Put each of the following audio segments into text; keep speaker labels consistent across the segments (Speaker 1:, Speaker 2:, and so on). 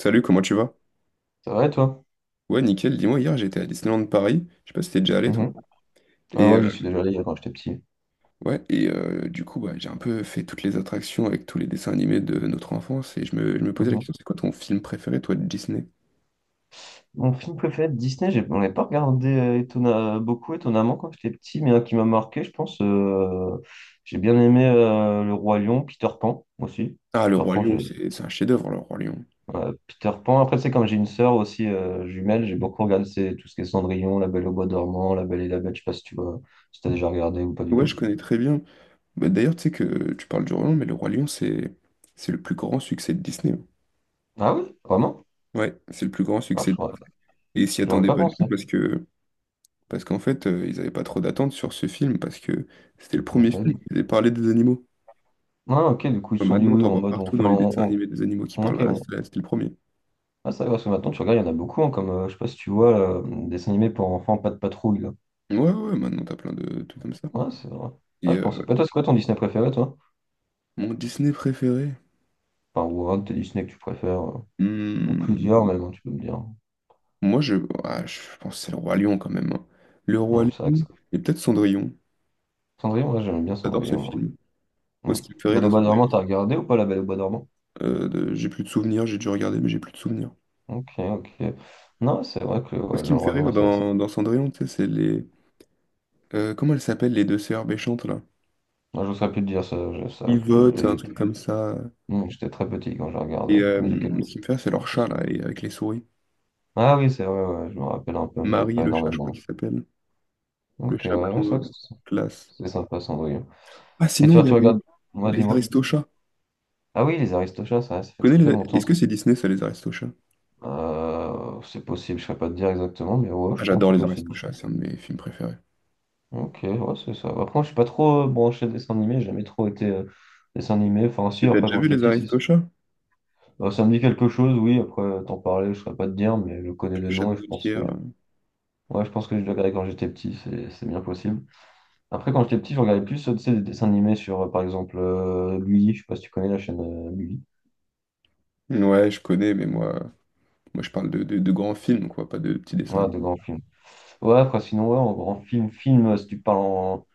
Speaker 1: Salut, comment tu vas?
Speaker 2: C'est vrai, toi?
Speaker 1: Ouais, nickel. Dis-moi, hier j'étais à Disneyland Paris. Je sais pas si t'es déjà allé toi.
Speaker 2: Mhm. Ah
Speaker 1: Et
Speaker 2: ouais, j'y
Speaker 1: euh,
Speaker 2: suis déjà allé quand j'étais petit.
Speaker 1: ouais, du coup, bah, j'ai un peu fait toutes les attractions avec tous les dessins animés de notre enfance et je me posais la
Speaker 2: Mhm.
Speaker 1: question, c'est quoi ton film préféré, toi, de Disney?
Speaker 2: Mon film préféré de Disney, on l'avait pas regardé beaucoup étonnamment quand j'étais petit, mais un qui m'a marqué, je pense, j'ai bien aimé Le Roi Lion, Peter Pan aussi.
Speaker 1: Ah, Le
Speaker 2: Peter
Speaker 1: Roi
Speaker 2: Pan,
Speaker 1: Lion,
Speaker 2: j'ai...
Speaker 1: c'est un chef-d'œuvre, Le Roi Lion.
Speaker 2: ouais, Peter Pan. Après, c'est comme j'ai une sœur aussi jumelle, j'ai beaucoup regardé c'est tout ce qui est Cendrillon, La Belle au bois dormant, La Belle et la Bête, je sais pas si tu vois, si t'as déjà regardé ou pas du
Speaker 1: Ouais, je
Speaker 2: tout.
Speaker 1: connais très bien. Bah, d'ailleurs, tu sais que tu parles du Roi Lion, mais Le Roi Lion, c'est le plus grand succès de Disney, hein.
Speaker 2: Ah oui, vraiment?
Speaker 1: Ouais, c'est le plus grand succès.
Speaker 2: J'aurais
Speaker 1: Et ils s'y
Speaker 2: j'aurais
Speaker 1: attendaient
Speaker 2: pas
Speaker 1: pas du tout
Speaker 2: pensé.
Speaker 1: parce qu'en fait, ils avaient pas trop d'attentes sur ce film parce que c'était le premier
Speaker 2: Ok,
Speaker 1: film qui
Speaker 2: du-
Speaker 1: faisait parler des animaux.
Speaker 2: Ah, ok, du coup, ils
Speaker 1: Ouais,
Speaker 2: se sont dit
Speaker 1: maintenant,
Speaker 2: oui,
Speaker 1: t'en
Speaker 2: en
Speaker 1: vois
Speaker 2: mode
Speaker 1: partout dans les dessins animés des animaux qui parlent.
Speaker 2: ok.
Speaker 1: Voilà, c'était le premier.
Speaker 2: Ah, ça, parce que maintenant, tu regardes, il y en a beaucoup, hein, comme, je sais pas si tu vois, dessin animé pour enfants, pas de patrouille, là.
Speaker 1: Ouais, ouais, maintenant t'as plein de trucs comme ça.
Speaker 2: Ouais, c'est vrai.
Speaker 1: Et
Speaker 2: Ah, je
Speaker 1: euh,
Speaker 2: pensais pas. Toi, c'est quoi ton Disney préféré, toi?
Speaker 1: mon Disney préféré?
Speaker 2: Enfin, ou un de tes Disney que tu préfères, ou
Speaker 1: Hmm,
Speaker 2: plusieurs même, hein, tu peux me dire.
Speaker 1: moi, je pense que c'est le Roi Lion quand même, hein. Le Roi
Speaker 2: Non, c'est vrai que
Speaker 1: Lion
Speaker 2: ça.
Speaker 1: et peut-être Cendrillon.
Speaker 2: Cendrillon, ouais, j'aime bien
Speaker 1: J'adore ce
Speaker 2: Cendrillon, moi.
Speaker 1: film. Moi,
Speaker 2: Hmm.
Speaker 1: ce qui me fait rire
Speaker 2: Belle au
Speaker 1: dans
Speaker 2: bois dormant,
Speaker 1: Cendrillon,
Speaker 2: t'as regardé ou pas la Belle au bois dormant?
Speaker 1: j'ai plus de souvenirs, j'ai dû regarder, mais j'ai plus de souvenirs.
Speaker 2: Ok, ok. Non, c'est vrai que
Speaker 1: Moi, ce
Speaker 2: ouais,
Speaker 1: qui
Speaker 2: le
Speaker 1: me fait
Speaker 2: Roi Lion,
Speaker 1: rire
Speaker 2: ouais, c'est vrai que c'est-
Speaker 1: dans Cendrillon, tu sais, c'est les. Comment elles s'appellent, les deux sœurs méchantes, là?
Speaker 2: Je saurais plus te dire ça, ça, que
Speaker 1: Yvonne, un
Speaker 2: j'étais
Speaker 1: truc comme ça.
Speaker 2: hmm, j'étais très petit quand je
Speaker 1: Et
Speaker 2: regardais,
Speaker 1: euh, ce qui me fait rire, c'est leur
Speaker 2: quelques
Speaker 1: chat, là,
Speaker 2: souvenirs.
Speaker 1: et avec les souris.
Speaker 2: Ah oui, c'est vrai, ouais, je me rappelle un peu, mais
Speaker 1: Marie,
Speaker 2: pas
Speaker 1: le chat, je crois
Speaker 2: énormément.
Speaker 1: qu'il s'appelle. Le
Speaker 2: Ok,
Speaker 1: chat
Speaker 2: ouais,
Speaker 1: blanc,
Speaker 2: ça.
Speaker 1: classe.
Speaker 2: C'est sympa, Cendrillon.
Speaker 1: Ah, sinon, il y ouais,
Speaker 2: Tu
Speaker 1: a les,
Speaker 2: regardes. Moi,
Speaker 1: les
Speaker 2: dis-moi.
Speaker 1: Aristochats.
Speaker 2: Ah oui, les Aristochats, ça fait
Speaker 1: Tu Connais
Speaker 2: très
Speaker 1: les-
Speaker 2: longtemps.
Speaker 1: Est-ce
Speaker 2: Ça.
Speaker 1: que c'est Disney, ça, les Aristochats?
Speaker 2: C'est possible, je ne saurais pas te dire exactement, mais ouais,
Speaker 1: Ah,
Speaker 2: je pense
Speaker 1: j'adore les
Speaker 2: que c'est
Speaker 1: Aristochats,
Speaker 2: Disney.
Speaker 1: c'est un de mes films préférés.
Speaker 2: Ok, ouais, c'est ça. Après, moi, je suis pas trop branché dessin animé, j'ai jamais trop été dessin animé. Enfin, si,
Speaker 1: Et t'as
Speaker 2: après,
Speaker 1: déjà
Speaker 2: quand
Speaker 1: vu
Speaker 2: j'étais
Speaker 1: les
Speaker 2: petit, si.
Speaker 1: Aristochats?
Speaker 2: Ça me dit quelque chose, oui, après, t'en parler, je ne saurais pas te dire, mais je connais
Speaker 1: Avec
Speaker 2: de
Speaker 1: le chat
Speaker 2: nom
Speaker 1: de
Speaker 2: et je pense
Speaker 1: Gauthier.
Speaker 2: que. Ouais, je pense que je l'ai regardé quand j'étais petit, c'est bien possible. Après, quand j'étais petit, je regardais plus, tu sais, des dessins animés sur, par exemple, Gulli, je sais pas si tu connais la chaîne Gulli.
Speaker 1: Ouais, je connais, mais moi, je parle de grands films, quoi, pas de petits dessins
Speaker 2: Voilà, de
Speaker 1: animés.
Speaker 2: grands films. Ouais, après, sinon, ouais, en grand film, si tu parles en,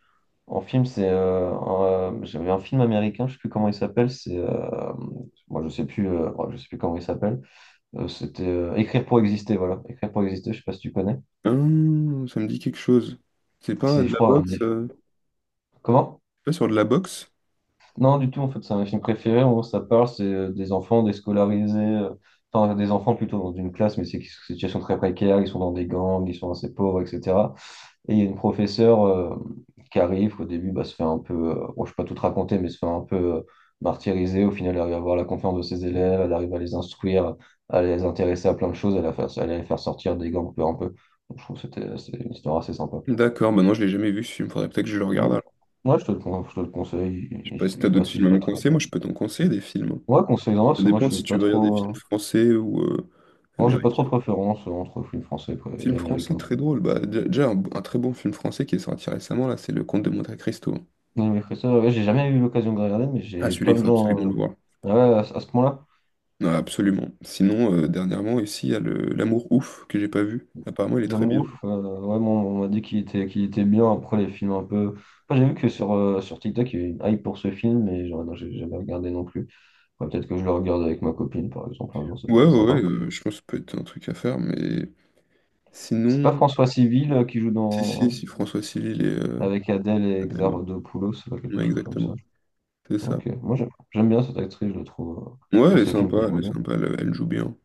Speaker 2: en film, c'est. J'avais un film américain, je sais plus comment il s'appelle, c'est. Moi, je sais plus, ouais, je sais plus comment il s'appelle. C'était Écrire pour exister, voilà. Écrire pour exister, je sais pas si tu connais.
Speaker 1: Ça me dit quelque chose. C'est pas
Speaker 2: C'est,
Speaker 1: de
Speaker 2: je
Speaker 1: la
Speaker 2: crois, un de
Speaker 1: boxe?
Speaker 2: mes- Comment?
Speaker 1: C'est pas sur de la boxe?
Speaker 2: Non, du tout, en fait, c'est un film préféré où ça parle, c'est des enfants déscolarisés, enfin, des enfants plutôt dans une classe, mais c'est qui sont en situation très précaire, ils sont dans des gangs, ils sont assez pauvres, etc. Et il y a une professeure qui arrive, au début, bah, se fait un peu, bon, je ne peux pas tout te raconter, mais se fait un peu martyriser. Au final, elle arrive à avoir la confiance de ses élèves, elle arrive à les instruire, à les intéresser à plein de choses, à les faire sortir des gangs peu un peu. Donc, je trouve que c'est une histoire assez sympa.
Speaker 1: D'accord, bah non, je l'ai jamais vu ce film, faudrait peut-être que je le regarde alors.
Speaker 2: Moi, je te le, con- je te le conseille,
Speaker 1: Je sais pas si t'as
Speaker 2: il
Speaker 1: d'autres
Speaker 2: passe, il
Speaker 1: films
Speaker 2: est
Speaker 1: à
Speaker 2: pas
Speaker 1: me
Speaker 2: très.
Speaker 1: conseiller, moi je peux t'en conseiller des films, hein.
Speaker 2: Ouais, conseille-en, parce
Speaker 1: Ça
Speaker 2: que moi, je
Speaker 1: dépend
Speaker 2: suis
Speaker 1: si tu
Speaker 2: pas
Speaker 1: veux regarder des
Speaker 2: trop.
Speaker 1: films français ou
Speaker 2: Moi, j'ai pas trop
Speaker 1: américains.
Speaker 2: de préférence entre films français quoi, et
Speaker 1: Film français
Speaker 2: américains.
Speaker 1: très drôle. Bah, déjà, un très bon film français qui est sorti récemment, là, c'est Le Comte de Monte-Cristo.
Speaker 2: Non, mais ça, ouais, j'ai jamais eu l'occasion de regarder, mais
Speaker 1: Ah,
Speaker 2: j'ai
Speaker 1: celui-là,
Speaker 2: plein
Speaker 1: il
Speaker 2: de
Speaker 1: faut absolument le
Speaker 2: gens.
Speaker 1: voir.
Speaker 2: Ouais, à ce point-là.
Speaker 1: Non, absolument. Sinon, dernièrement, ici, il y a L'Amour Ouf, que j'ai pas vu. Apparemment, il est très bien.
Speaker 2: L'Amour, ouais, bon, on m'a dit qu'il était bien. Après, les films un peu. Enfin, j'ai vu que sur, sur TikTok, il y a eu une hype pour ce film, mais genre, non, j'ai jamais regardé non plus. Ouais, peut-être que je le regarde avec ma copine, par exemple. Un jour, ça
Speaker 1: Ouais,
Speaker 2: pourrait être
Speaker 1: ouais, ouais,
Speaker 2: sympa.
Speaker 1: je pense que ça peut être un truc à faire, mais
Speaker 2: C'est pas
Speaker 1: sinon...
Speaker 2: François Civil qui joue
Speaker 1: Si, si,
Speaker 2: dans.
Speaker 1: si, François Civil et
Speaker 2: Avec Adèle et
Speaker 1: Adèle, ouais.
Speaker 2: Exarchopoulos, ou quelque
Speaker 1: Ouais,
Speaker 2: chose comme ça.
Speaker 1: exactement. C'est ça.
Speaker 2: Ok, moi j'aime bien cette actrice, je la trouve
Speaker 1: Ouais,
Speaker 2: dans
Speaker 1: elle est
Speaker 2: ces films que
Speaker 1: sympa,
Speaker 2: je
Speaker 1: elle est
Speaker 2: regarde.
Speaker 1: sympa, elle joue bien.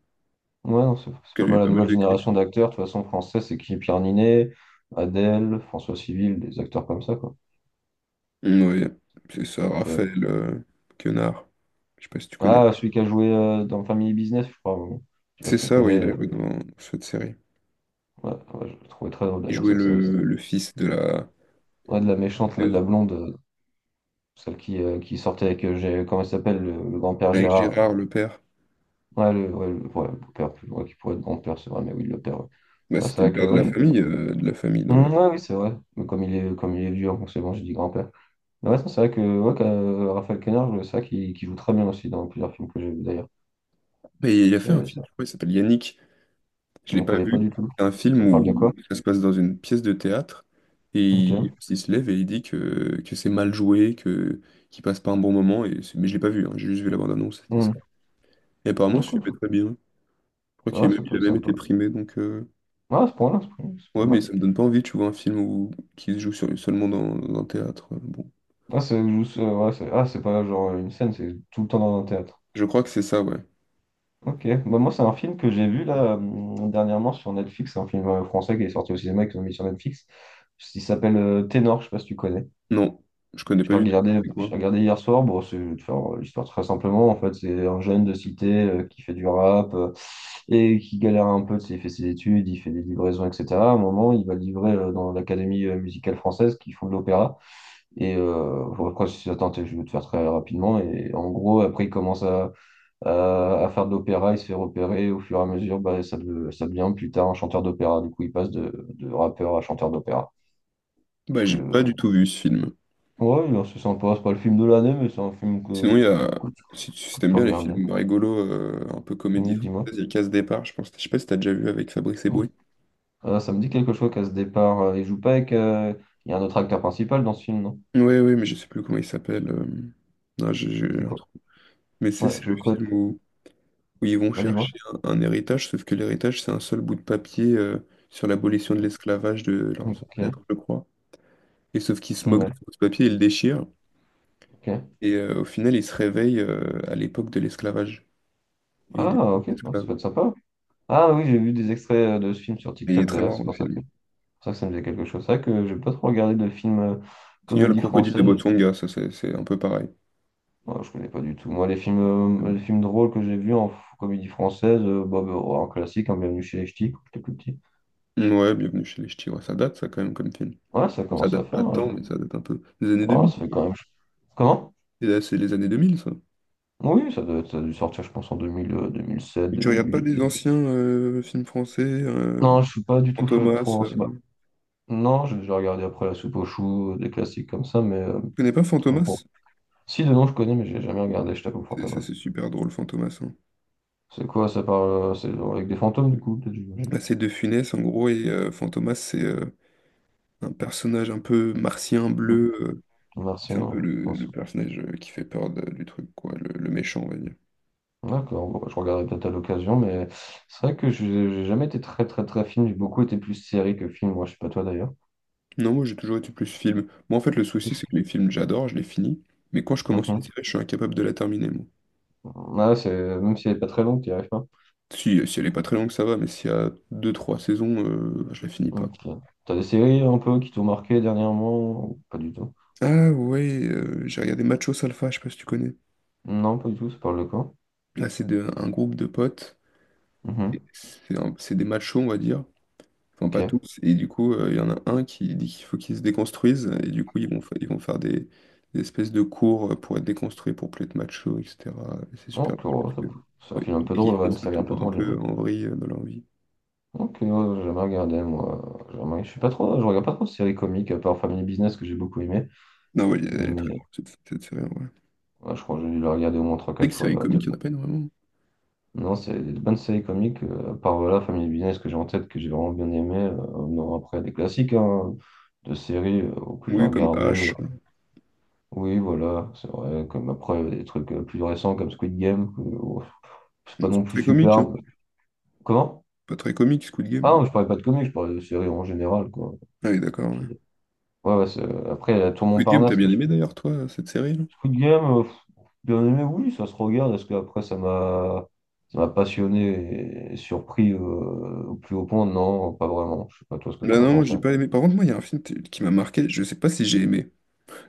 Speaker 2: Ouais, non, c'est pas
Speaker 1: Elle a eu
Speaker 2: mal la
Speaker 1: pas mal
Speaker 2: nouvelle
Speaker 1: de
Speaker 2: génération
Speaker 1: critiques.
Speaker 2: d'acteurs. De toute façon, français, c'est qui? Pierre Ninet, Adèle, François Civil, des acteurs comme ça, quoi.
Speaker 1: Ouais, c'est ça, Raphaël Quenard. Je sais pas si tu connais.
Speaker 2: Ah, celui qui a joué dans Family Business, je crois. Ouais. Je sais pas
Speaker 1: C'est
Speaker 2: si tu
Speaker 1: ça, oui,
Speaker 2: connais.
Speaker 1: il a joué dans cette série.
Speaker 2: Ouais, ouais, je l'ai trouvé très drôle
Speaker 1: Il
Speaker 2: d'ailleurs
Speaker 1: jouait
Speaker 2: cette série.
Speaker 1: le fils de la
Speaker 2: Ouais, de la méchante, là, de la
Speaker 1: tueuse,
Speaker 2: blonde, celle qui sortait avec, comment il s'appelle, le grand-père
Speaker 1: avec
Speaker 2: Gérard. Là.
Speaker 1: Gérard, le père.
Speaker 2: Ouais, le beau-père, ouais, qui pourrait être grand-père, c'est vrai, mais oui, le père. Ouais,
Speaker 1: Bah,
Speaker 2: Ouais, c'est
Speaker 1: c'était le
Speaker 2: vrai que,
Speaker 1: père de la
Speaker 2: ouais.
Speaker 1: famille dans la...
Speaker 2: Mm, ouais, oui, c'est vrai. Mais comme il est vieux, forcément, j'ai dit grand-père. Mais ouais, ça, c'est vrai que, ouais, que, Raphaël Quenard, c'est vrai qu'il joue très bien aussi dans plusieurs films que j'ai vus d'ailleurs.
Speaker 1: Et il a fait un
Speaker 2: C'est-
Speaker 1: film,
Speaker 2: ça-
Speaker 1: je crois, il s'appelle Yannick. Je
Speaker 2: On
Speaker 1: l'ai
Speaker 2: ne
Speaker 1: pas
Speaker 2: connaît
Speaker 1: vu.
Speaker 2: pas du tout.
Speaker 1: C'est un film
Speaker 2: Ça te parle de quoi?
Speaker 1: où ça se passe dans une pièce de théâtre et il,
Speaker 2: Ok.
Speaker 1: il se lève et il dit que c'est mal joué, que qu'il passe pas un bon moment. Et mais je l'ai pas vu, hein, j'ai juste vu la bande-annonce, c'était
Speaker 2: Mm.
Speaker 1: ça. Et apparemment, ce film est
Speaker 2: Ok,
Speaker 1: très bien. Je crois
Speaker 2: Ça
Speaker 1: qu'il
Speaker 2: va,
Speaker 1: a même,
Speaker 2: ça peut
Speaker 1: il a
Speaker 2: être
Speaker 1: même
Speaker 2: sympa.
Speaker 1: été primé, donc...
Speaker 2: Ah, à ce point-là, c'est pas
Speaker 1: Ouais, mais
Speaker 2: mal.
Speaker 1: ça me donne pas envie, tu vois, un film où... qui se joue sur, seulement dans un théâtre. Bon.
Speaker 2: Ah, ouais, ah, c'est pas genre une scène, c'est tout le temps dans un théâtre.
Speaker 1: Je crois que c'est ça, ouais.
Speaker 2: Ok, bah, moi, c'est un film que j'ai vu là dernièrement sur Netflix, c'est un film français qui est sorti au cinéma et qui l'ont mis sur Netflix. Il s'appelle Ténor, je sais pas si tu connais.
Speaker 1: Non, je connais pas du tout. C'est quoi?
Speaker 2: J'ai regardé hier soir. Bon, c'est je vais te faire l'histoire très simplement. En fait, c'est un jeune de cité qui fait du rap et qui galère un peu. Tu sais, Il fait ses études, il fait des livraisons, etc. À un moment, il va livrer dans l'Académie musicale française qui font de l'opéra. Et bon, quand je suis attends, je vais te faire très rapidement. Et en gros, après, il commence à faire de l'opéra, il se fait repérer. Au fur et à mesure, bah, ça, ça devient plus tard un chanteur d'opéra. Du coup, il passe de rappeur à chanteur d'opéra.
Speaker 1: Bah,
Speaker 2: Parce que,
Speaker 1: j'ai pas du tout vu ce film.
Speaker 2: ouais, non, c'est sympa. C'est pas le film de l'année, mais c'est un film que,
Speaker 1: Sinon, il y a.
Speaker 2: que, tu,
Speaker 1: Si
Speaker 2: que tu
Speaker 1: t'aimes
Speaker 2: peux
Speaker 1: bien les
Speaker 2: regarder.
Speaker 1: films rigolos, un peu comédie
Speaker 2: Donc, dis-moi.
Speaker 1: française, il y a Casse Départ, je pense. Je sais pas si t'as déjà vu avec Fabrice
Speaker 2: Donc,
Speaker 1: Eboué.
Speaker 2: ça me dit quelque chose qu'à ce départ, il joue pas avec. Il y a un autre acteur principal dans ce film, non?
Speaker 1: Ouais, ouais, mais je sais plus comment il s'appelle. Non, j'ai
Speaker 2: C'est
Speaker 1: un
Speaker 2: quoi?
Speaker 1: trou. Mais c'est
Speaker 2: Ouais,
Speaker 1: c'est
Speaker 2: je
Speaker 1: le
Speaker 2: connais.
Speaker 1: film où ils vont
Speaker 2: Ouais, dis-moi.
Speaker 1: chercher un héritage, sauf que l'héritage, c'est un seul bout de papier sur l'abolition de l'esclavage de leurs
Speaker 2: Ok.
Speaker 1: ancêtres, je crois. Et sauf qu'ils se moquent de
Speaker 2: Ouais,
Speaker 1: ce bout de papier, ils le déchirent.
Speaker 2: ok.
Speaker 1: Au final, ils se réveillent à l'époque de l'esclavage. Il est
Speaker 2: Ah,
Speaker 1: devenu
Speaker 2: ok. Ouais, ça
Speaker 1: esclave.
Speaker 2: peut être sympa. Ah oui, j'ai vu des extraits de ce film sur
Speaker 1: Et il est
Speaker 2: TikTok
Speaker 1: très
Speaker 2: d'ailleurs,
Speaker 1: marrant
Speaker 2: c'est
Speaker 1: le film.
Speaker 2: pour ça que ça me faisait quelque chose. C'est vrai que j'ai pas trop regardé de films
Speaker 1: Sinon, le
Speaker 2: comédie
Speaker 1: crocodile de
Speaker 2: française.
Speaker 1: Botswana, ça c'est un peu pareil.
Speaker 2: Moi, je connais pas du tout. Moi, les films drôles que j'ai vus en comédie française, bah, en classique, en Bienvenue chez les Ch'tis, quand j'étais plus petit.
Speaker 1: Ouais, bienvenue chez les Ch'tis. Ouais, ça date ça quand même comme film.
Speaker 2: Ouais, ça
Speaker 1: Enfin, ça
Speaker 2: commence à
Speaker 1: date
Speaker 2: faire.
Speaker 1: pas de
Speaker 2: hein,
Speaker 1: temps,
Speaker 2: je-
Speaker 1: mais ça date un peu des années
Speaker 2: ouais,
Speaker 1: 2000.
Speaker 2: ça fait quand même. Comment?
Speaker 1: Et là, c'est les années 2000, ça.
Speaker 2: Oui, ça, doit, ça a dû sortir, je pense, en 2000, 2007,
Speaker 1: Et tu regardes pas
Speaker 2: 2008.
Speaker 1: les anciens films français,
Speaker 2: Non, je suis pas du tout
Speaker 1: Fantomas.
Speaker 2: trop ancien.
Speaker 1: Tu
Speaker 2: Non, j'ai regardé après La Soupe aux choux, des classiques comme ça, mais
Speaker 1: connais pas
Speaker 2: pour
Speaker 1: Fantomas?
Speaker 2: Si, de nom, je connais, mais j'ai jamais regardé, je t'avoue,
Speaker 1: C'est c'est-
Speaker 2: Fantomas.
Speaker 1: c'est super drôle, Fantomas, hein.
Speaker 2: C'est quoi, ça parle, c'est avec des fantômes, du coup, peut-être, j'imagine.
Speaker 1: Là, c'est De Funès, en gros, et Fantomas, c'est un personnage un peu martien
Speaker 2: Mm.
Speaker 1: bleu. C'est un peu
Speaker 2: Martien,
Speaker 1: le,
Speaker 2: on
Speaker 1: le
Speaker 2: s'en-
Speaker 1: personnage qui fait peur du truc, quoi, le méchant, on va dire.
Speaker 2: D'accord, bon, bah, je regarderai peut-être à l'occasion, mais c'est vrai que je j'ai jamais été très, très, très film. J'ai beaucoup été plus série que film, moi, je sais pas toi d'ailleurs.
Speaker 1: Non, moi j'ai toujours été plus film. Moi en fait, le souci c'est que les films j'adore, je les finis, mais quand je commence une
Speaker 2: Mhm.
Speaker 1: série, je suis incapable de la terminer, moi.
Speaker 2: Ouais, c'est même si elle est pas très longue, tu arrives pas.
Speaker 1: Si, si elle est pas très longue, ça va, mais s'il y a deux trois saisons, bah, je la finis pas, quoi.
Speaker 2: Ok. T'as des séries un peu qui t'ont marqué dernièrement ou pas du tout?
Speaker 1: Ah ouais, j'ai regardé Macho Salfa, je sais pas si tu connais.
Speaker 2: Non, pas du tout, ça parle de quoi?
Speaker 1: Là, c'est un groupe de potes. Et
Speaker 2: Mhm.
Speaker 1: c'est des machos, on va dire. Enfin,
Speaker 2: Ok.
Speaker 1: pas tous. Et du coup, il y en a un qui dit qu'il faut qu'ils se déconstruisent. Et du coup, ils vont faire des espèces de cours pour être déconstruits, pour plus être macho, etc. Et c'est super
Speaker 2: Donc,
Speaker 1: cool parce
Speaker 2: oh,
Speaker 1: que
Speaker 2: c'est
Speaker 1: quand
Speaker 2: un film un
Speaker 1: ils,
Speaker 2: peu
Speaker 1: dès
Speaker 2: drôle,
Speaker 1: qu'ils
Speaker 2: ouais,
Speaker 1: font
Speaker 2: une
Speaker 1: ça,
Speaker 2: série
Speaker 1: tout
Speaker 2: un peu
Speaker 1: part un peu
Speaker 2: drôle.
Speaker 1: en vrille dans leur vie.
Speaker 2: Ok, ouais, j'ai jamais regardé, moi. J'ai Jamais... Je suis pas trop... Je regarde pas trop de séries comiques, à part Family Business que j'ai beaucoup aimé.
Speaker 1: Non, ouais, elle est très
Speaker 2: Mais
Speaker 1: drôle, cette série. Ouais. C'est
Speaker 2: ouais, je crois que j'ai dû le regarder au moins trois
Speaker 1: vrai
Speaker 2: quatre
Speaker 1: que
Speaker 2: fois,
Speaker 1: série
Speaker 2: ouais,
Speaker 1: comique, il n'y en
Speaker 2: tellement.
Speaker 1: a pas énormément.
Speaker 2: Non, c'est des bonnes séries comiques, à part voilà, Family Business que j'ai en tête, que j'ai vraiment bien aimé. Non, après, des classiques hein, de séries que j'ai
Speaker 1: Oui, comme
Speaker 2: regardé.
Speaker 1: H.
Speaker 2: Oui, voilà, c'est vrai. Comme après, des trucs plus récents comme Squid Game, que, ouf, c'est pas
Speaker 1: Bon, c'est
Speaker 2: non
Speaker 1: pas
Speaker 2: plus
Speaker 1: très comique, hein.
Speaker 2: superbe. Comment?
Speaker 1: Pas très comique, Squid Game.
Speaker 2: Ah
Speaker 1: Mais...
Speaker 2: non, je parlais pas de comics, je parlais de séries en général, quoi.
Speaker 1: Ah oui, d'accord, ouais.
Speaker 2: Qui- Ouais, ouais, après, il y a Tour
Speaker 1: Squid Game, t'as
Speaker 2: Montparnasse, là,
Speaker 1: bien
Speaker 2: je
Speaker 1: aimé d'ailleurs, toi, cette série, là?
Speaker 2: Coup de gamme, pff, bien aimé, oui, ça se regarde, parce qu'après, ça m'a passionné et surpris au plus haut point. Non, pas vraiment. Je sais pas toi ce que
Speaker 1: Là,
Speaker 2: t'en as
Speaker 1: non, moi,
Speaker 2: pensé.
Speaker 1: j'ai pas aimé. Par contre, moi, il y a un film qui m'a marqué. Je sais pas si j'ai aimé.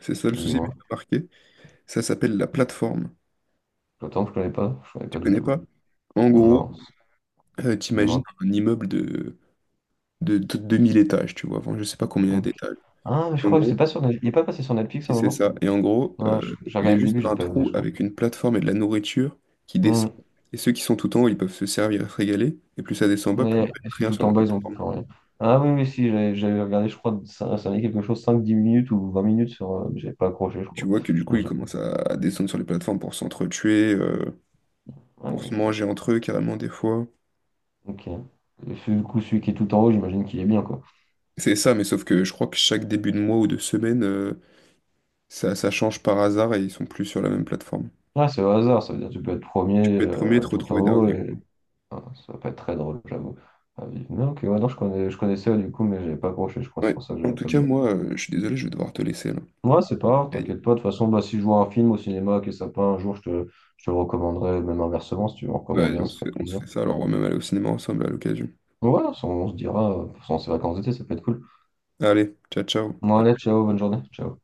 Speaker 1: C'est ça le souci, mais
Speaker 2: Dis-moi.
Speaker 1: il m'a marqué. Ça s'appelle la plateforme.
Speaker 2: Attends, je connais pas. Je connais
Speaker 1: Tu
Speaker 2: pas du
Speaker 1: connais
Speaker 2: tout.
Speaker 1: pas? En gros,
Speaker 2: Non.
Speaker 1: t'imagines
Speaker 2: Dis-moi.
Speaker 1: un immeuble de 2 000 étages, tu vois. Enfin, je sais pas combien il y a
Speaker 2: Ok.
Speaker 1: d'étages.
Speaker 2: Ah, mais je
Speaker 1: En
Speaker 2: crois que c'est
Speaker 1: gros,
Speaker 2: pas sur Netflix. Il est pas passé sur Netflix à
Speaker 1: si
Speaker 2: un
Speaker 1: c'est
Speaker 2: moment?
Speaker 1: ça. Et en gros,
Speaker 2: J'ai
Speaker 1: il y a
Speaker 2: regardé le
Speaker 1: juste
Speaker 2: début, j'ai
Speaker 1: un
Speaker 2: pas aimé,
Speaker 1: trou
Speaker 2: je crois.
Speaker 1: avec une plateforme et de la nourriture qui descend.
Speaker 2: Hmm.
Speaker 1: Et ceux qui sont tout en haut, ils peuvent se servir se régaler. Et plus ça descend bas, plus il
Speaker 2: Et
Speaker 1: reste
Speaker 2: c'est
Speaker 1: rien sur
Speaker 2: tout en
Speaker 1: la
Speaker 2: bas, ils ont
Speaker 1: plateforme.
Speaker 2: tout enlevé. Ah oui, oui, si, j'avais regardé, je crois, ça allait quelque chose, cinq, dix minutes ou 20 minutes sur. J'avais pas accroché, je
Speaker 1: Tu
Speaker 2: crois.
Speaker 1: vois que du coup,
Speaker 2: Donc
Speaker 1: ils
Speaker 2: j'ai.
Speaker 1: commencent à descendre sur les plateformes pour s'entretuer, pour se
Speaker 2: Ouais,
Speaker 1: manger entre eux carrément des fois.
Speaker 2: Ok. Du coup, celui qui est tout en haut, j'imagine qu'il est bien, quoi.
Speaker 1: C'est ça, mais sauf que je crois que chaque début de mois ou de semaine, ça, ça change par hasard et ils sont plus sur la même plateforme.
Speaker 2: Ah, c'est au hasard, ça veut dire que tu peux être
Speaker 1: Tu
Speaker 2: premier
Speaker 1: peux être premier et te
Speaker 2: tout en
Speaker 1: retrouver
Speaker 2: haut
Speaker 1: dernier,
Speaker 2: et
Speaker 1: quoi.
Speaker 2: ah, ça va pas être très drôle, j'avoue. Ah, vivre. Mais ok, ouais, non, je connais, je connaissais du coup, mais j'avais pas accroché, je crois, c'est
Speaker 1: Ouais.
Speaker 2: pour ça que
Speaker 1: En
Speaker 2: j'avais
Speaker 1: tout cas,
Speaker 2: perdu.
Speaker 1: moi, je suis désolé, je vais devoir te laisser là.
Speaker 2: Ouais, c'est pas grave,
Speaker 1: Ok.
Speaker 2: t'inquiète pas. De toute façon, bah, si je vois un film au cinéma qui est sympa un jour, je te le recommanderai, même inversement, si tu veux en
Speaker 1: Ouais,
Speaker 2: recommander un,
Speaker 1: on
Speaker 2: ce
Speaker 1: se
Speaker 2: serait
Speaker 1: fait,
Speaker 2: avec
Speaker 1: on se
Speaker 2: plaisir.
Speaker 1: fait ça, alors on va même aller au cinéma ensemble à l'occasion.
Speaker 2: Ouais, se dira, pendant ces vacances d'été, ça peut être cool.
Speaker 1: Allez, ciao, ciao.
Speaker 2: Bon, allez,
Speaker 1: À
Speaker 2: ciao, bonne journée. Ciao.